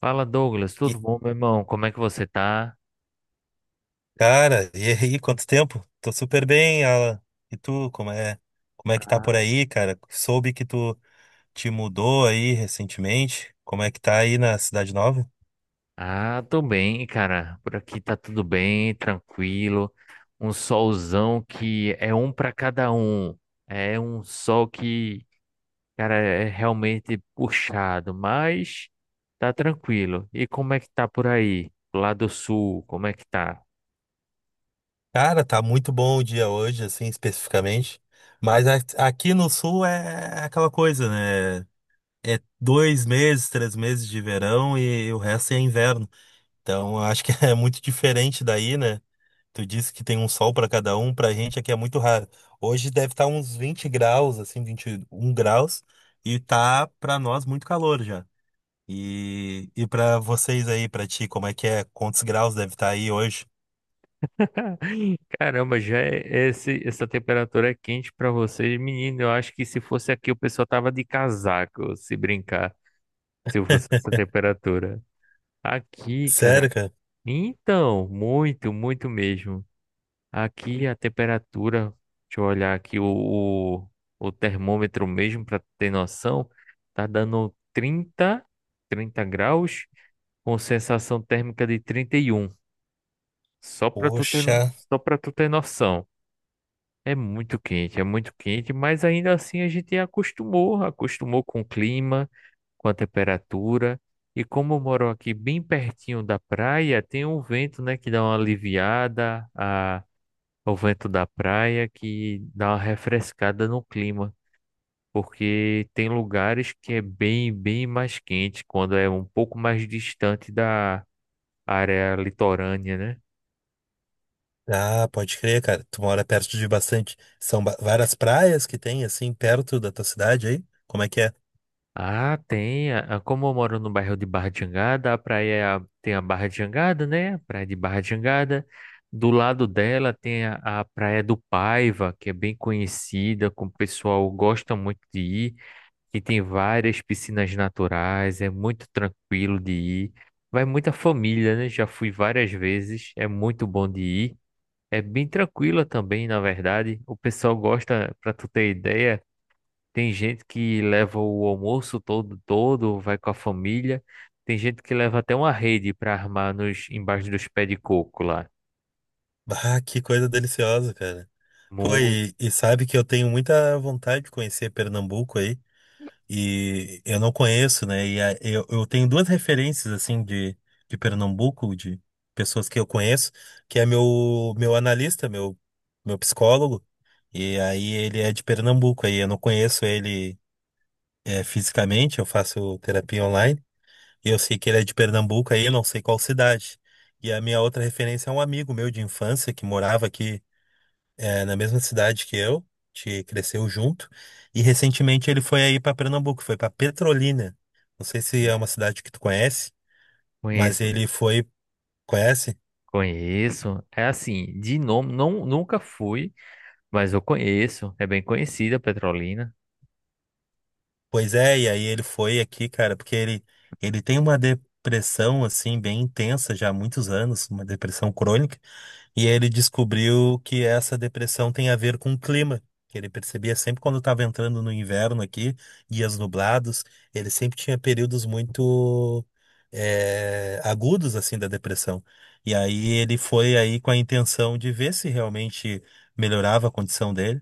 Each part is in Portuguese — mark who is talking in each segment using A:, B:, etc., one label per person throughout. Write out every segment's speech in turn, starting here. A: Fala, Douglas,
B: E,
A: tudo bom, meu irmão? Como é que você tá?
B: cara, e aí, quanto tempo? Tô super bem, Alan. E tu, como é que tá por aí, cara? Soube que tu te mudou aí recentemente. Como é que tá aí na Cidade Nova?
A: Ah, tô bem, cara. Por aqui tá tudo bem, tranquilo. Um solzão que é um pra cada um. É um sol que, cara, é realmente puxado, mas tá tranquilo. E como é que tá por aí? Lá do sul, como é que tá?
B: Cara, tá muito bom o dia hoje, assim, especificamente. Mas aqui no Sul é aquela coisa, né? É 2 meses, 3 meses de verão e o resto é inverno. Então, eu acho que é muito diferente daí, né? Tu disse que tem um sol para cada um, pra gente aqui é muito raro. Hoje deve estar uns 20 graus, assim, 21 graus, e tá pra nós muito calor já. E para vocês aí, pra ti, como é que é? Quantos graus deve estar aí hoje?
A: Caramba, já é essa temperatura é quente pra vocês, menino. Eu acho que se fosse aqui o pessoal tava de casaco, se brincar, se fosse essa temperatura. Aqui, cara,
B: Sério, cara?
A: então, muito, muito mesmo. Aqui a temperatura, deixa eu olhar aqui o, o termômetro mesmo, para ter noção, tá dando 30, 30 graus, com sensação térmica de 31. Só para
B: Poxa.
A: só para tu ter noção. É muito quente, mas ainda assim a gente acostumou, acostumou com o clima, com a temperatura. E como eu moro aqui bem pertinho da praia, tem um vento, né, que dá uma aliviada, o vento da praia que dá uma refrescada no clima, porque tem lugares que é bem, bem mais quente quando é um pouco mais distante da área litorânea, né?
B: Ah, pode crer, cara. Tu mora perto de bastante. São várias praias que tem, assim, perto da tua cidade aí? Como é que é?
A: Ah, tem. Como eu moro no bairro de Barra de Jangada, a praia tem a Barra de Jangada, né? A praia de Barra de Jangada. Do lado dela tem a Praia do Paiva, que é bem conhecida, que o pessoal gosta muito de ir, que tem várias piscinas naturais, é muito tranquilo de ir. Vai muita família, né? Já fui várias vezes, é muito bom de ir. É bem tranquila também, na verdade. O pessoal gosta, para tu ter ideia. Tem gente que leva o almoço todo, todo, vai com a família. Tem gente que leva até uma rede para armar embaixo dos pés de coco lá.
B: Ah, que coisa deliciosa, cara. Pô,
A: Mu-
B: e sabe que eu tenho muita vontade de conhecer Pernambuco aí. E eu não conheço, né? E eu tenho duas referências, assim, de Pernambuco, de pessoas que eu conheço, que é meu analista, meu psicólogo. E aí ele é de Pernambuco, aí eu não conheço ele fisicamente, eu faço terapia online. E eu sei que ele é de Pernambuco, aí eu não sei qual cidade. E a minha outra referência é um amigo meu de infância que morava aqui na mesma cidade que eu, a gente cresceu junto, e recentemente ele foi aí para Pernambuco, foi para Petrolina. Não sei se é uma cidade que tu conhece, mas
A: Conheço,
B: ele foi, conhece?
A: conheço. É assim, de nome, não, nunca fui, mas eu conheço. É bem conhecida a Petrolina.
B: Pois é, e aí ele foi aqui, cara, porque ele tem uma depressão assim bem intensa já há muitos anos, uma depressão crônica. E ele descobriu que essa depressão tem a ver com o clima. Que ele percebia sempre quando estava entrando no inverno aqui, dias nublados, ele sempre tinha períodos muito agudos assim da depressão. E aí ele foi aí com a intenção de ver se realmente melhorava a condição dele.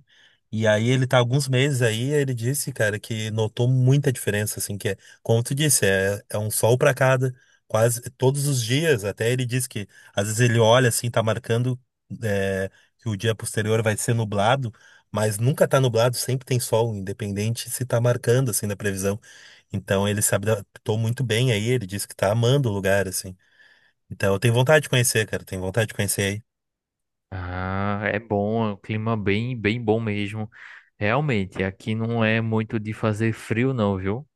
B: E aí ele tá alguns meses aí, ele disse, cara, que notou muita diferença, assim, que é, como tu disse, é um sol para cada, quase todos os dias. Até ele disse que às vezes ele olha assim, tá marcando é, que o dia posterior vai ser nublado, mas nunca tá nublado, sempre tem sol, independente se tá marcando assim na previsão. Então ele se adaptou muito bem aí, ele disse que tá amando o lugar assim. Então eu tenho vontade de conhecer, cara, tenho vontade de conhecer aí.
A: Ah, é bom, é um clima bem, bem bom mesmo. Realmente, aqui não é muito de fazer frio, não, viu?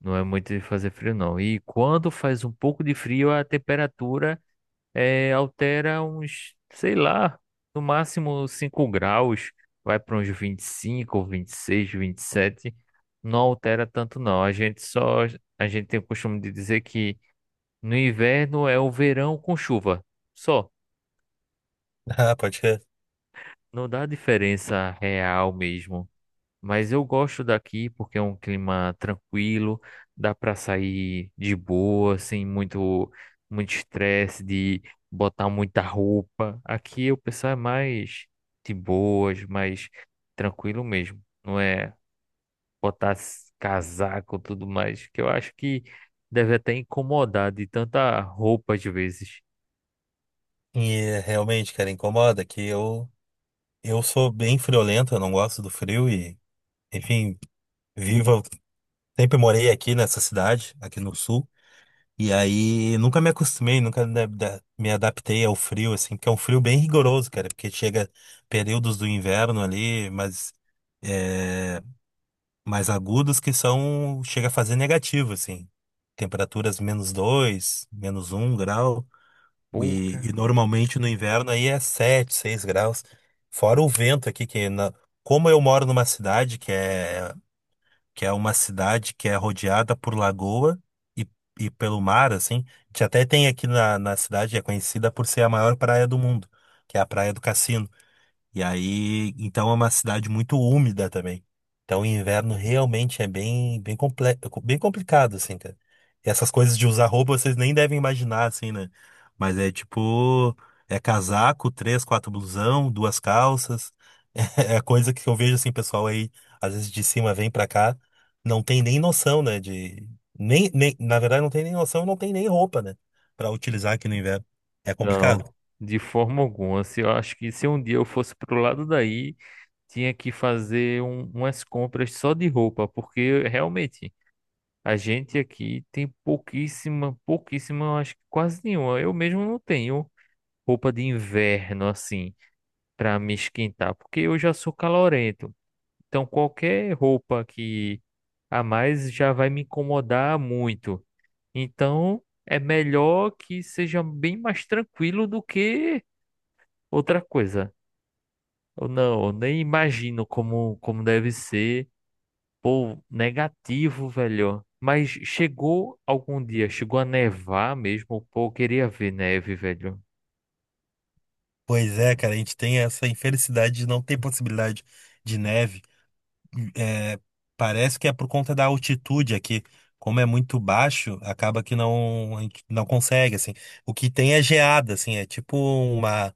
A: Não é muito de fazer frio, não. E quando faz um pouco de frio, a temperatura é, altera uns, sei lá, no máximo 5 graus, vai para uns 25, 26, 27, não altera tanto não. A gente só, a gente tem o costume de dizer que no inverno é o verão com chuva, só,
B: Ah, pode ser.
A: não dá diferença real mesmo. Mas eu gosto daqui porque é um clima tranquilo, dá para sair de boa, sem muito, muito estresse de botar muita roupa. Aqui o pessoal é mais de boas, mais tranquilo mesmo. Não é botar casaco e tudo mais, que eu acho que deve até incomodar de tanta roupa às vezes.
B: E é, realmente, cara, incomoda que eu sou bem friolento, eu não gosto do frio e, enfim, vivo, sempre morei aqui nessa cidade, aqui no sul. E aí, nunca me acostumei, nunca me adaptei ao frio, assim, porque é um frio bem rigoroso, cara, porque chega períodos do inverno ali, mas é, mais agudos que são, chega a fazer negativo, assim, temperaturas -2, -1 grau, e
A: Pouca.
B: normalmente no inverno aí é 7, 6 graus, fora o vento aqui, que como eu moro numa cidade que é uma cidade que é rodeada por lagoa e, e pelo mar, assim. A gente até tem aqui na cidade, é conhecida por ser a maior praia do mundo, que é a Praia do Cassino. E aí, então é uma cidade muito úmida também. Então o inverno realmente é bem, bem, comple bem complicado, assim, cara. E essas coisas de usar roupa vocês nem devem imaginar, assim, né? Mas é tipo, é casaco, três, quatro blusão, duas calças. É a coisa que eu vejo, assim, pessoal aí, às vezes de cima vem pra cá, não tem nem noção, né? De, nem, nem, na verdade, não tem nem noção, não tem nem roupa, né? Pra utilizar aqui no inverno. É
A: Não,
B: complicado.
A: de forma alguma. Se Eu acho que se um dia eu fosse pro lado daí tinha que fazer umas compras só de roupa, porque realmente a gente aqui tem pouquíssima, pouquíssima, eu acho que quase nenhuma. Eu mesmo não tenho roupa de inverno assim para me esquentar, porque eu já sou calorento. Então qualquer roupa que a mais já vai me incomodar muito. Então é melhor que seja bem mais tranquilo do que outra coisa. Eu nem imagino como, como deve ser. Pô, negativo, velho. Mas chegou algum dia, chegou a nevar mesmo. Pô, eu queria ver neve, velho.
B: Pois é, cara, a gente tem essa infelicidade de não ter possibilidade de neve. É, parece que é por conta da altitude aqui. Como é muito baixo, acaba que não, a gente não consegue, assim. O que tem é geada, assim, é tipo uma.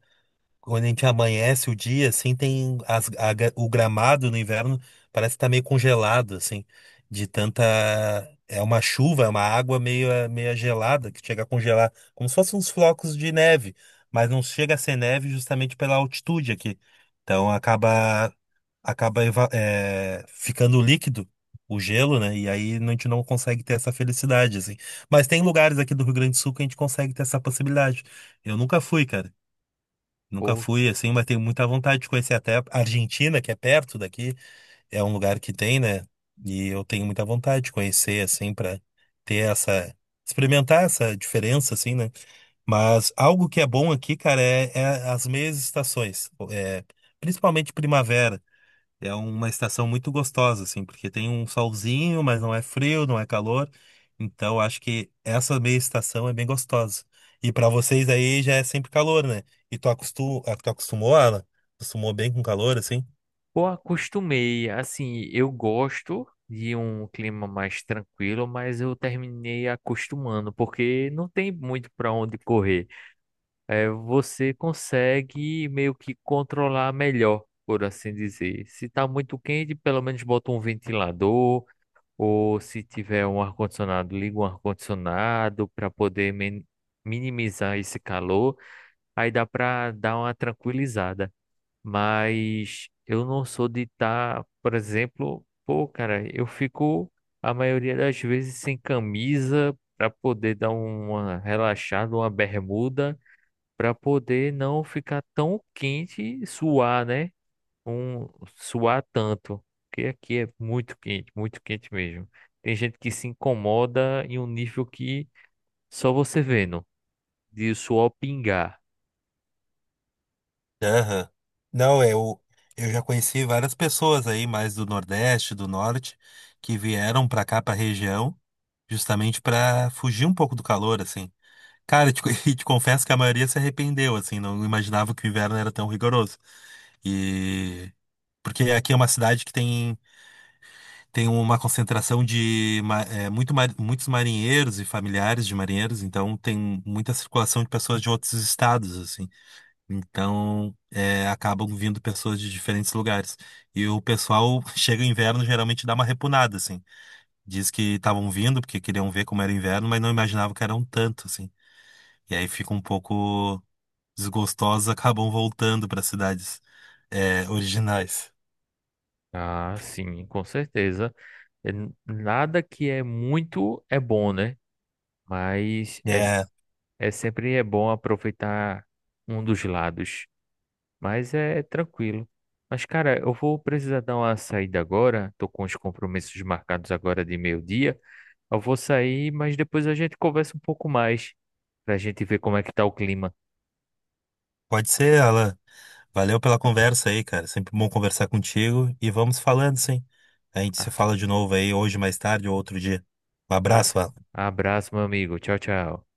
B: Quando a gente amanhece o dia, assim, tem o gramado no inverno parece que tá meio congelado, assim, de tanta. É uma chuva, é uma água meio gelada que chega a congelar, como se fossem uns flocos de neve, mas não chega a ser neve justamente pela altitude aqui. Então acaba, ficando líquido o gelo, né? E aí a gente não consegue ter essa felicidade, assim. Mas tem lugares aqui do Rio Grande do Sul que a gente consegue ter essa possibilidade. Eu nunca fui, cara. Nunca
A: Pô,
B: fui assim, mas tenho muita vontade de conhecer até a Argentina, que é perto daqui, é um lugar que tem, né? E eu tenho muita vontade de conhecer assim para ter essa experimentar essa diferença assim, né? Mas algo que é bom aqui, cara, é as meias estações, principalmente primavera. É uma estação muito gostosa, assim, porque tem um solzinho, mas não é frio, não é calor. Então, acho que essa meia estação é bem gostosa. E para vocês aí já é sempre calor, né? E tu, tu acostumou, Alan? Acostumou bem com calor, assim?
A: pô, acostumei. Assim, eu gosto de um clima mais tranquilo, mas eu terminei acostumando, porque não tem muito pra onde correr. É, você consegue meio que controlar melhor, por assim dizer. Se tá muito quente, pelo menos bota um ventilador. Ou se tiver um ar-condicionado, liga um ar-condicionado para poder minimizar esse calor. Aí dá para dar uma tranquilizada. Mas eu não sou de estar, por exemplo, pô, cara, eu fico a maioria das vezes sem camisa para poder dar uma relaxada, uma bermuda, para poder não ficar tão quente e suar, né? um Suar tanto, porque aqui é muito quente mesmo. Tem gente que se incomoda em um nível que só você vendo, de o suor pingar.
B: Aham. Não, eu já conheci várias pessoas aí, mais do Nordeste, do Norte, que vieram para cá, para região, justamente para fugir um pouco do calor, assim. Cara, e te confesso que a maioria se arrependeu, assim, não imaginava que o inverno era tão rigoroso. E porque aqui é uma cidade que tem, tem uma concentração de muitos marinheiros e familiares de marinheiros, então tem muita circulação de pessoas de outros estados, assim. Então acabam vindo pessoas de diferentes lugares. E o pessoal chega o inverno geralmente dá uma repunada, assim. Diz que estavam vindo porque queriam ver como era o inverno, mas não imaginavam que era um tanto, assim. E aí fica um pouco desgostosos acabam voltando para cidades originais.
A: Ah, sim, com certeza. É nada que é muito é bom, né? Mas é,
B: É,
A: s- É sempre é bom aproveitar um dos lados. Mas é tranquilo. Mas, cara, eu vou precisar dar uma saída agora. Tô com os compromissos marcados agora de meio-dia. Eu vou sair, mas depois a gente conversa um pouco mais pra gente ver como é que tá o clima.
B: pode ser, Alan. Valeu pela conversa aí, cara. Sempre bom conversar contigo e vamos falando, sim. A gente se
A: Ah,
B: fala de novo aí hoje, mais tarde ou outro dia. Um
A: tá.
B: abraço, Alan.
A: Abraço, meu amigo. Tchau, tchau.